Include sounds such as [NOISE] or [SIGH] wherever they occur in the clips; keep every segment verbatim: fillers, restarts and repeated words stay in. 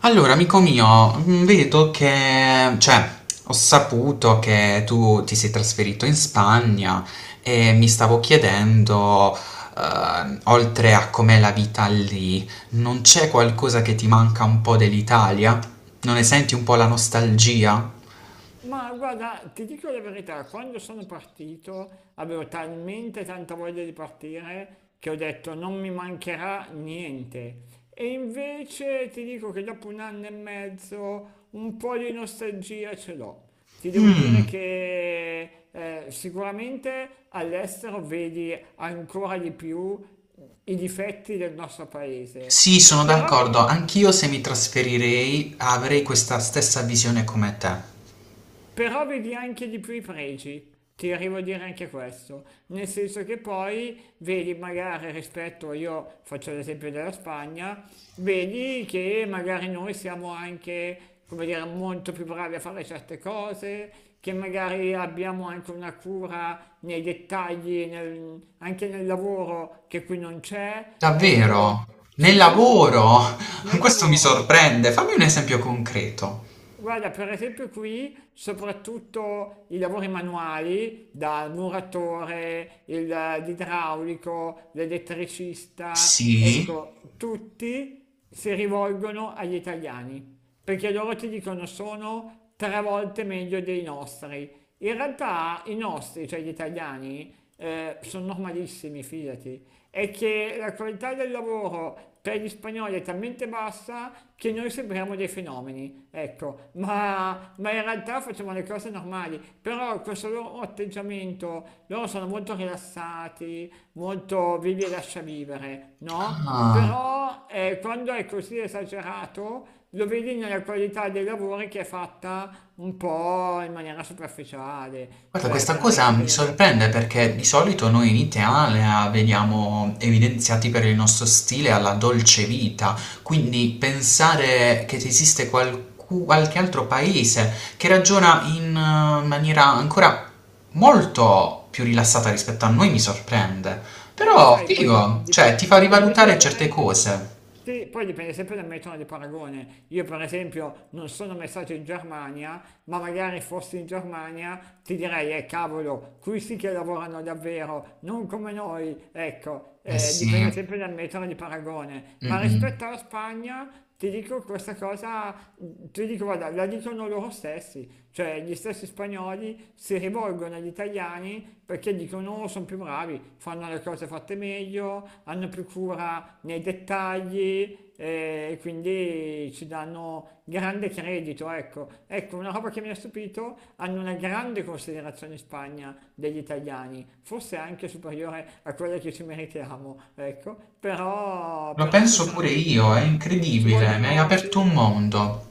Allora, amico mio, mh, vedo che, cioè, ho saputo che tu ti sei trasferito in Spagna e mi stavo chiedendo, eh, oltre a com'è la vita lì, non c'è qualcosa che ti manca un po' dell'Italia? Non ne senti un po' la nostalgia? Ma guarda, ti dico la verità, quando sono partito avevo talmente tanta voglia di partire che ho detto non mi mancherà niente. E invece ti dico che dopo un anno e mezzo un po' di nostalgia ce l'ho. Ti devo dire Mm, che eh, sicuramente all'estero vedi ancora di più i difetti del nostro paese. sì, sono Però, ve- d'accordo, anch'io se mi trasferirei avrei questa stessa visione come te. Però vedi anche di più i pregi, ti arrivo a dire anche questo, nel senso che poi vedi magari rispetto, io faccio l'esempio della Spagna, vedi che magari noi siamo anche, come dire, molto più bravi a fare certe cose, che magari abbiamo anche una cura nei dettagli, nel- anche nel lavoro che qui non c'è, ecco, Davvero? Nel sì sì, lavoro? [LAUGHS] nel Questo mi lavoro. sorprende. Fammi un esempio concreto. Guarda, per esempio qui soprattutto i lavori manuali, dal muratore, il- l'idraulico, l'elettricista, Sì? ecco, tutti si rivolgono agli italiani, perché loro ti dicono sono tre volte meglio dei nostri. In realtà i nostri, cioè gli italiani, eh, sono normalissimi, fidati, è che la qualità del lavoro per gli spagnoli è talmente bassa che noi sembriamo dei fenomeni, ecco, ma, ma in realtà facciamo le cose normali, però questo loro atteggiamento, loro sono molto rilassati, molto vivi e lascia vivere, no? Ah. Però eh, quando è così esagerato lo vedi nella qualità dei lavori che è fatta un po' in maniera superficiale, Guarda, cioè questa cosa mi veramente. sorprende perché di solito noi in Italia veniamo evidenziati per il nostro stile alla dolce vita, quindi pensare che esiste qualcu- qualche altro paese che ragiona in eh, maniera ancora molto più rilassata rispetto a noi mi sorprende. Eh, Però, sai, poi figo, di- cioè ti fa dipende rivalutare certe sempre. cose. Sì, poi dipende sempre dal metodo di paragone. Io per esempio non sono mai stato in Germania, ma magari fossi in Germania ti direi, eh cavolo, qui sì che lavorano davvero, non come noi, ecco, Eh eh, sì, dipende sempre dal metodo di paragone. Ma rispetto mm-mm. alla Spagna ti dico questa cosa, ti dico, guarda, la dicono loro stessi, cioè gli stessi spagnoli si rivolgono rivolgono agli italiani perché dicono oh, sono più bravi, fanno le cose fatte meglio, hanno più cura nei dettagli eh, e quindi ci danno grande credito. Ecco. Ecco, una roba che mi ha stupito, hanno una grande considerazione in Spagna degli italiani, forse anche superiore a quella che ci meritiamo, ecco. però, Lo però penso pure io, è sinceramente ci incredibile, mi hai vogliono... aperto un sì. mondo.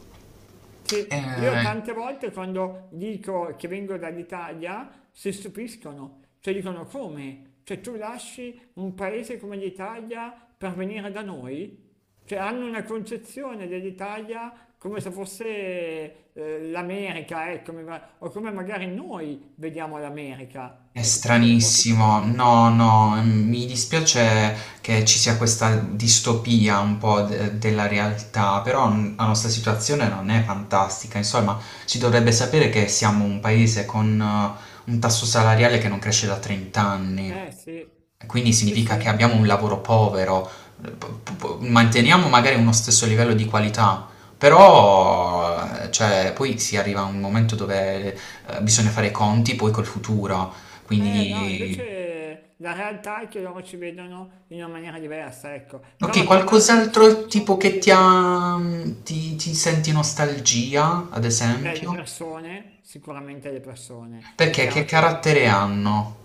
Sì, io Eh. tante volte quando dico che vengo dall'Italia si stupiscono, cioè dicono come? Cioè tu lasci un paese come l'Italia per venire da noi? Cioè hanno una concezione dell'Italia come se fosse eh, l'America, ecco, mi va- o come magari noi vediamo l'America, È ecco, forse sì. stranissimo, no, no, mm, mi dispiace che ci sia questa distopia un po' de- della realtà, però mm, la nostra situazione non è fantastica, insomma, si dovrebbe sapere che siamo un paese con eh, un tasso salariale che non cresce da trenta anni. Eh sì, Quindi sì significa che sì. abbiamo un lavoro povero, p- p- manteniamo magari uno stesso livello di qualità, però eh, cioè, poi si arriva a un momento dove eh, bisogna fare i conti poi col futuro, Eh no, quindi. invece la realtà è che loro ci vedono in una maniera diversa, ecco. Ok, Però tornando al qualcos'altro discorso, tipo che ti sì, ha... ti, ti senti nostalgia, ad beh, le esempio? persone, sicuramente le persone. È Perché chiaro che che... carattere hanno?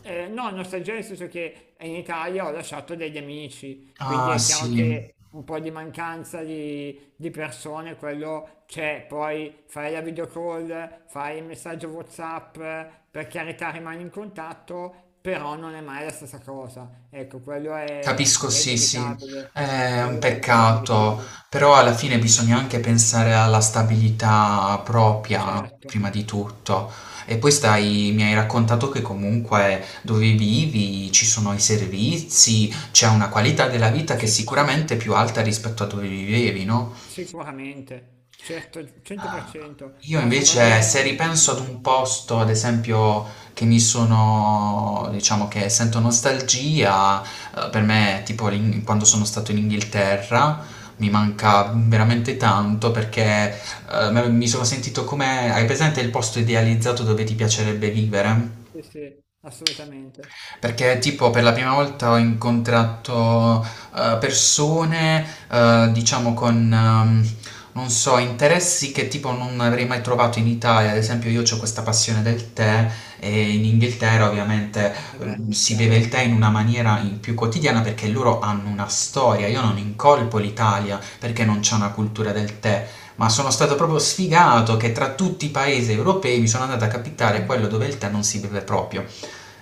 Eh, no, nostalgia nel senso che in Italia ho lasciato degli amici, quindi Ah, è chiaro sì. che un po' di mancanza di, di persone, quello c'è, poi fai la video call, fai il messaggio WhatsApp, eh, per carità rimani in contatto, però non è mai la stessa cosa. Ecco, quello è, Capisco, è sì, sì, inevitabile, è un quello è peccato, inevitabile, però alla fine bisogna anche pensare alla stabilità propria, certo. prima di tutto. E poi stai, mi hai raccontato che comunque dove vivi ci sono i servizi, c'è una qualità della vita che è Sì, sì, sì, sicuramente più alta rispetto a dove vivevi, no? sicuramente, certo, cento per cento, Io no, su invece, quello se non, non si ripenso ad un paragona. posto, ad esempio, che mi sono, diciamo che sento nostalgia, eh, per me, tipo l'Ing- quando sono stato in Inghilterra, mi manca veramente tanto perché eh, me- mi sono sentito come, hai presente il posto idealizzato dove ti piacerebbe vivere? Sì, sì, assolutamente. Perché tipo per la prima volta ho incontrato eh, persone, eh, diciamo con, ehm, non so, interessi che tipo non avrei mai trovato in Italia. Ad esempio io ho questa passione del tè e in Inghilterra ovviamente Eh beh, ehm, si beve chiaro. il tè in una maniera in- più quotidiana perché loro hanno una storia. Io non incolpo l'Italia perché non c'è una cultura del tè. Ma sono stato proprio sfigato che tra tutti i paesi europei mi sono andato a capitare quello dove il tè non si beve proprio.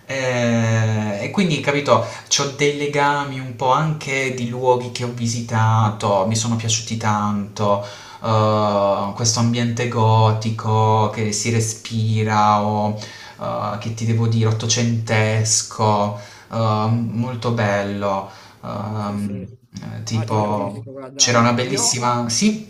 Ehm, e quindi, capito, c'ho dei legami un po' anche di luoghi che ho visitato, mi sono piaciuti tanto, uhm, questo ambiente gotico che si respira o, uhm, che ti devo dire, ottocentesco, uhm, molto bello. Sì, Uhm, ehm, sì. eh, No, ti tipo capisco, c'era una guarda, io. bellissima sì,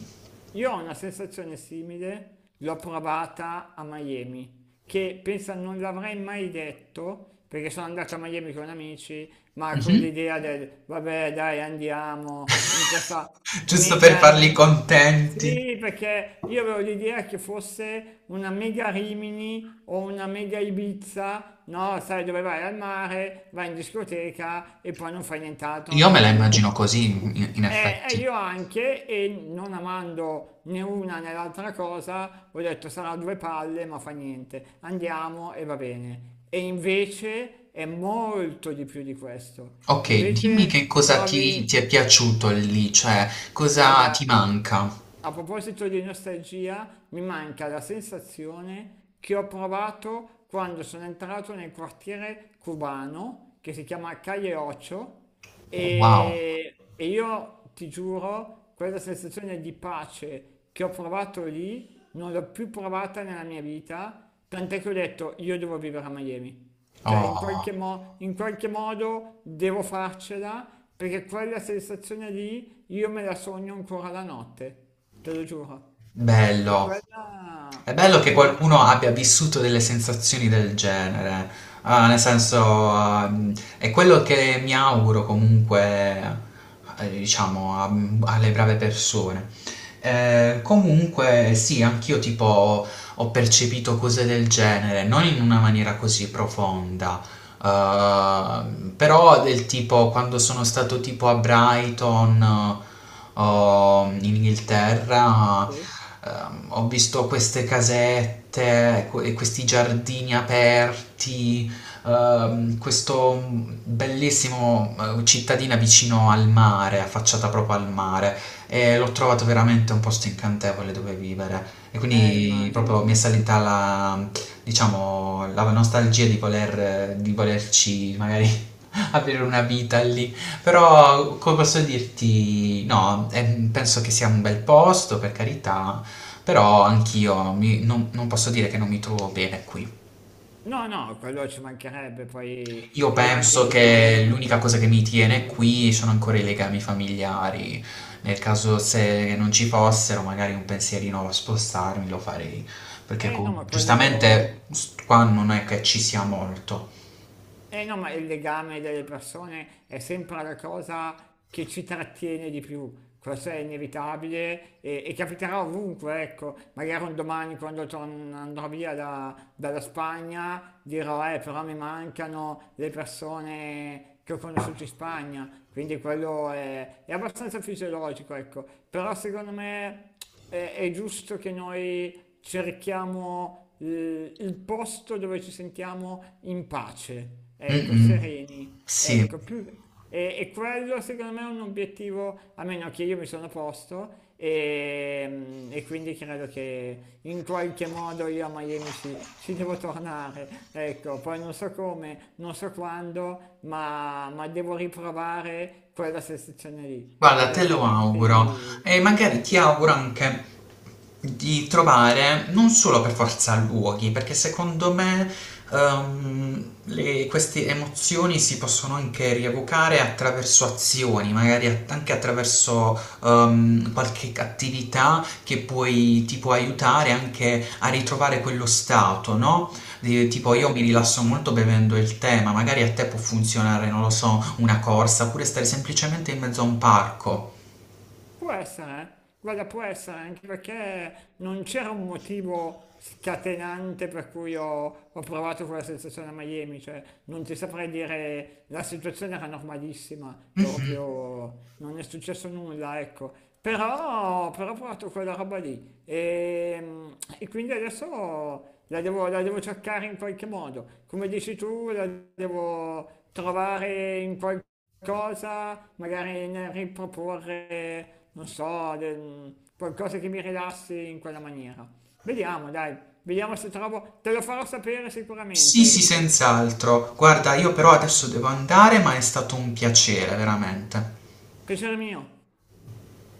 Io ho una sensazione simile, l'ho provata a Miami, che pensa non l'avrei mai detto, perché sono andato a Miami con amici, ma con mh-mh, l'idea del vabbè dai andiamo in questa giusto per mega... farli contenti. Sì, perché io avevo l'idea che fosse una mega Rimini o una mega Ibiza, no? Sai dove vai al mare, vai in discoteca e poi non fai nient'altro Io dalla me la mattina alla immagino sera. così in in Eh, eh, effetti. io anche, e non amando né una né l'altra cosa, ho detto sarà due palle, ma fa niente, andiamo e va bene. E invece è molto di più di questo. Ok, dimmi che Invece cosa ti, trovi, ti è piaciuto lì, cioè cosa ti guarda, manca? a proposito di nostalgia, mi manca la sensazione che ho provato quando sono entrato nel quartiere cubano che si chiama Calle Ocho Wow, e, e io ti giuro, quella sensazione di pace che ho provato lì non l'ho più provata nella mia vita, tant'è che ho detto io devo vivere a Miami. Cioè, in oh, qualche mo- in qualche modo devo farcela perché quella sensazione lì io me la sogno ancora la notte, te lo giuro. E bello. quella È bello che mi qualcuno manca. abbia vissuto delle sensazioni del genere. Ah, nel senso, ah, è quello che mi auguro comunque, eh, diciamo, a- alle brave persone. Eh, comunque, sì, anch'io tipo ho percepito cose del genere, non in una maniera così profonda. Uh, però del tipo quando sono stato tipo a Brighton eh, o in Inghilterra Sì. ehm, ho visto queste casette que- e questi giardini aperti, ehm, questo bellissimo eh, cittadina vicino al mare affacciata proprio al mare, e l'ho trovato veramente un posto incantevole dove vivere e Eh, quindi immagino. proprio mi è salita la, diciamo, la nostalgia di, voler, di volerci magari [LAUGHS] avere una vita lì. Però, come posso dirti, no, eh, penso che sia un bel posto, per carità, però anch'io mi- non, non posso dire che non mi trovo bene qui. No, no, quello ci mancherebbe, poi Io io anche penso in che Italia. l'unica cosa che mi tiene qui sono ancora i legami familiari. Nel caso se non ci fossero, magari un pensierino a spostarmi lo farei, perché Eh co- no, ma quello... giustamente s- qua non è che ci sia molto. Eh no, ma il legame delle persone è sempre la cosa che ci trattiene di più, questo è inevitabile e, e capiterà ovunque, ecco, magari un domani quando torn- andrò via da- dalla Spagna dirò, eh, però mi mancano le persone che ho conosciuto in Spagna, quindi quello è, è abbastanza fisiologico, ecco, però secondo me è, è giusto che noi cerchiamo eh, il posto dove ci sentiamo in pace, ecco, Mh-mh. sereni, Sì, ecco, più... E, e quello secondo me è un obiettivo, a meno che io mi sono posto e, e quindi credo che in qualche modo io a Miami ci, ci devo tornare, ecco, poi non so come, non so quando, ma, ma devo riprovare quella sensazione lì, guarda, perché te lo auguro, altrimenti... e magari ti Sì. auguro anche di trovare non solo per forza luoghi, perché secondo me, ehm, le queste emozioni si possono anche rievocare attraverso azioni, magari at anche attraverso, ehm, qualche attività che puoi ti può aiutare anche a ritrovare quello stato, no? Di- Tipo io mi Certo. rilasso molto bevendo il tè, ma magari a te può funzionare, non lo so, una corsa, oppure stare semplicemente in mezzo a un parco. Può essere, eh. Guarda, può essere anche perché non c'era un motivo scatenante per cui ho, ho provato quella sensazione a Miami, cioè non ti saprei dire la situazione era normalissima, cioè Mhm. proprio non è successo nulla, ecco. Però, però ho provato quella roba lì e, e quindi adesso la devo, la devo cercare in qualche modo, come dici tu, la devo trovare in qualche cosa, magari nel riproporre, non so, del- qualcosa che mi rilassi in quella maniera. Vediamo, dai, vediamo se trovo, te lo farò sapere Sì, sicuramente, sì, Giuseppe. senz'altro. Guarda, io però adesso devo andare, ma è stato un piacere, veramente. Piacere mio.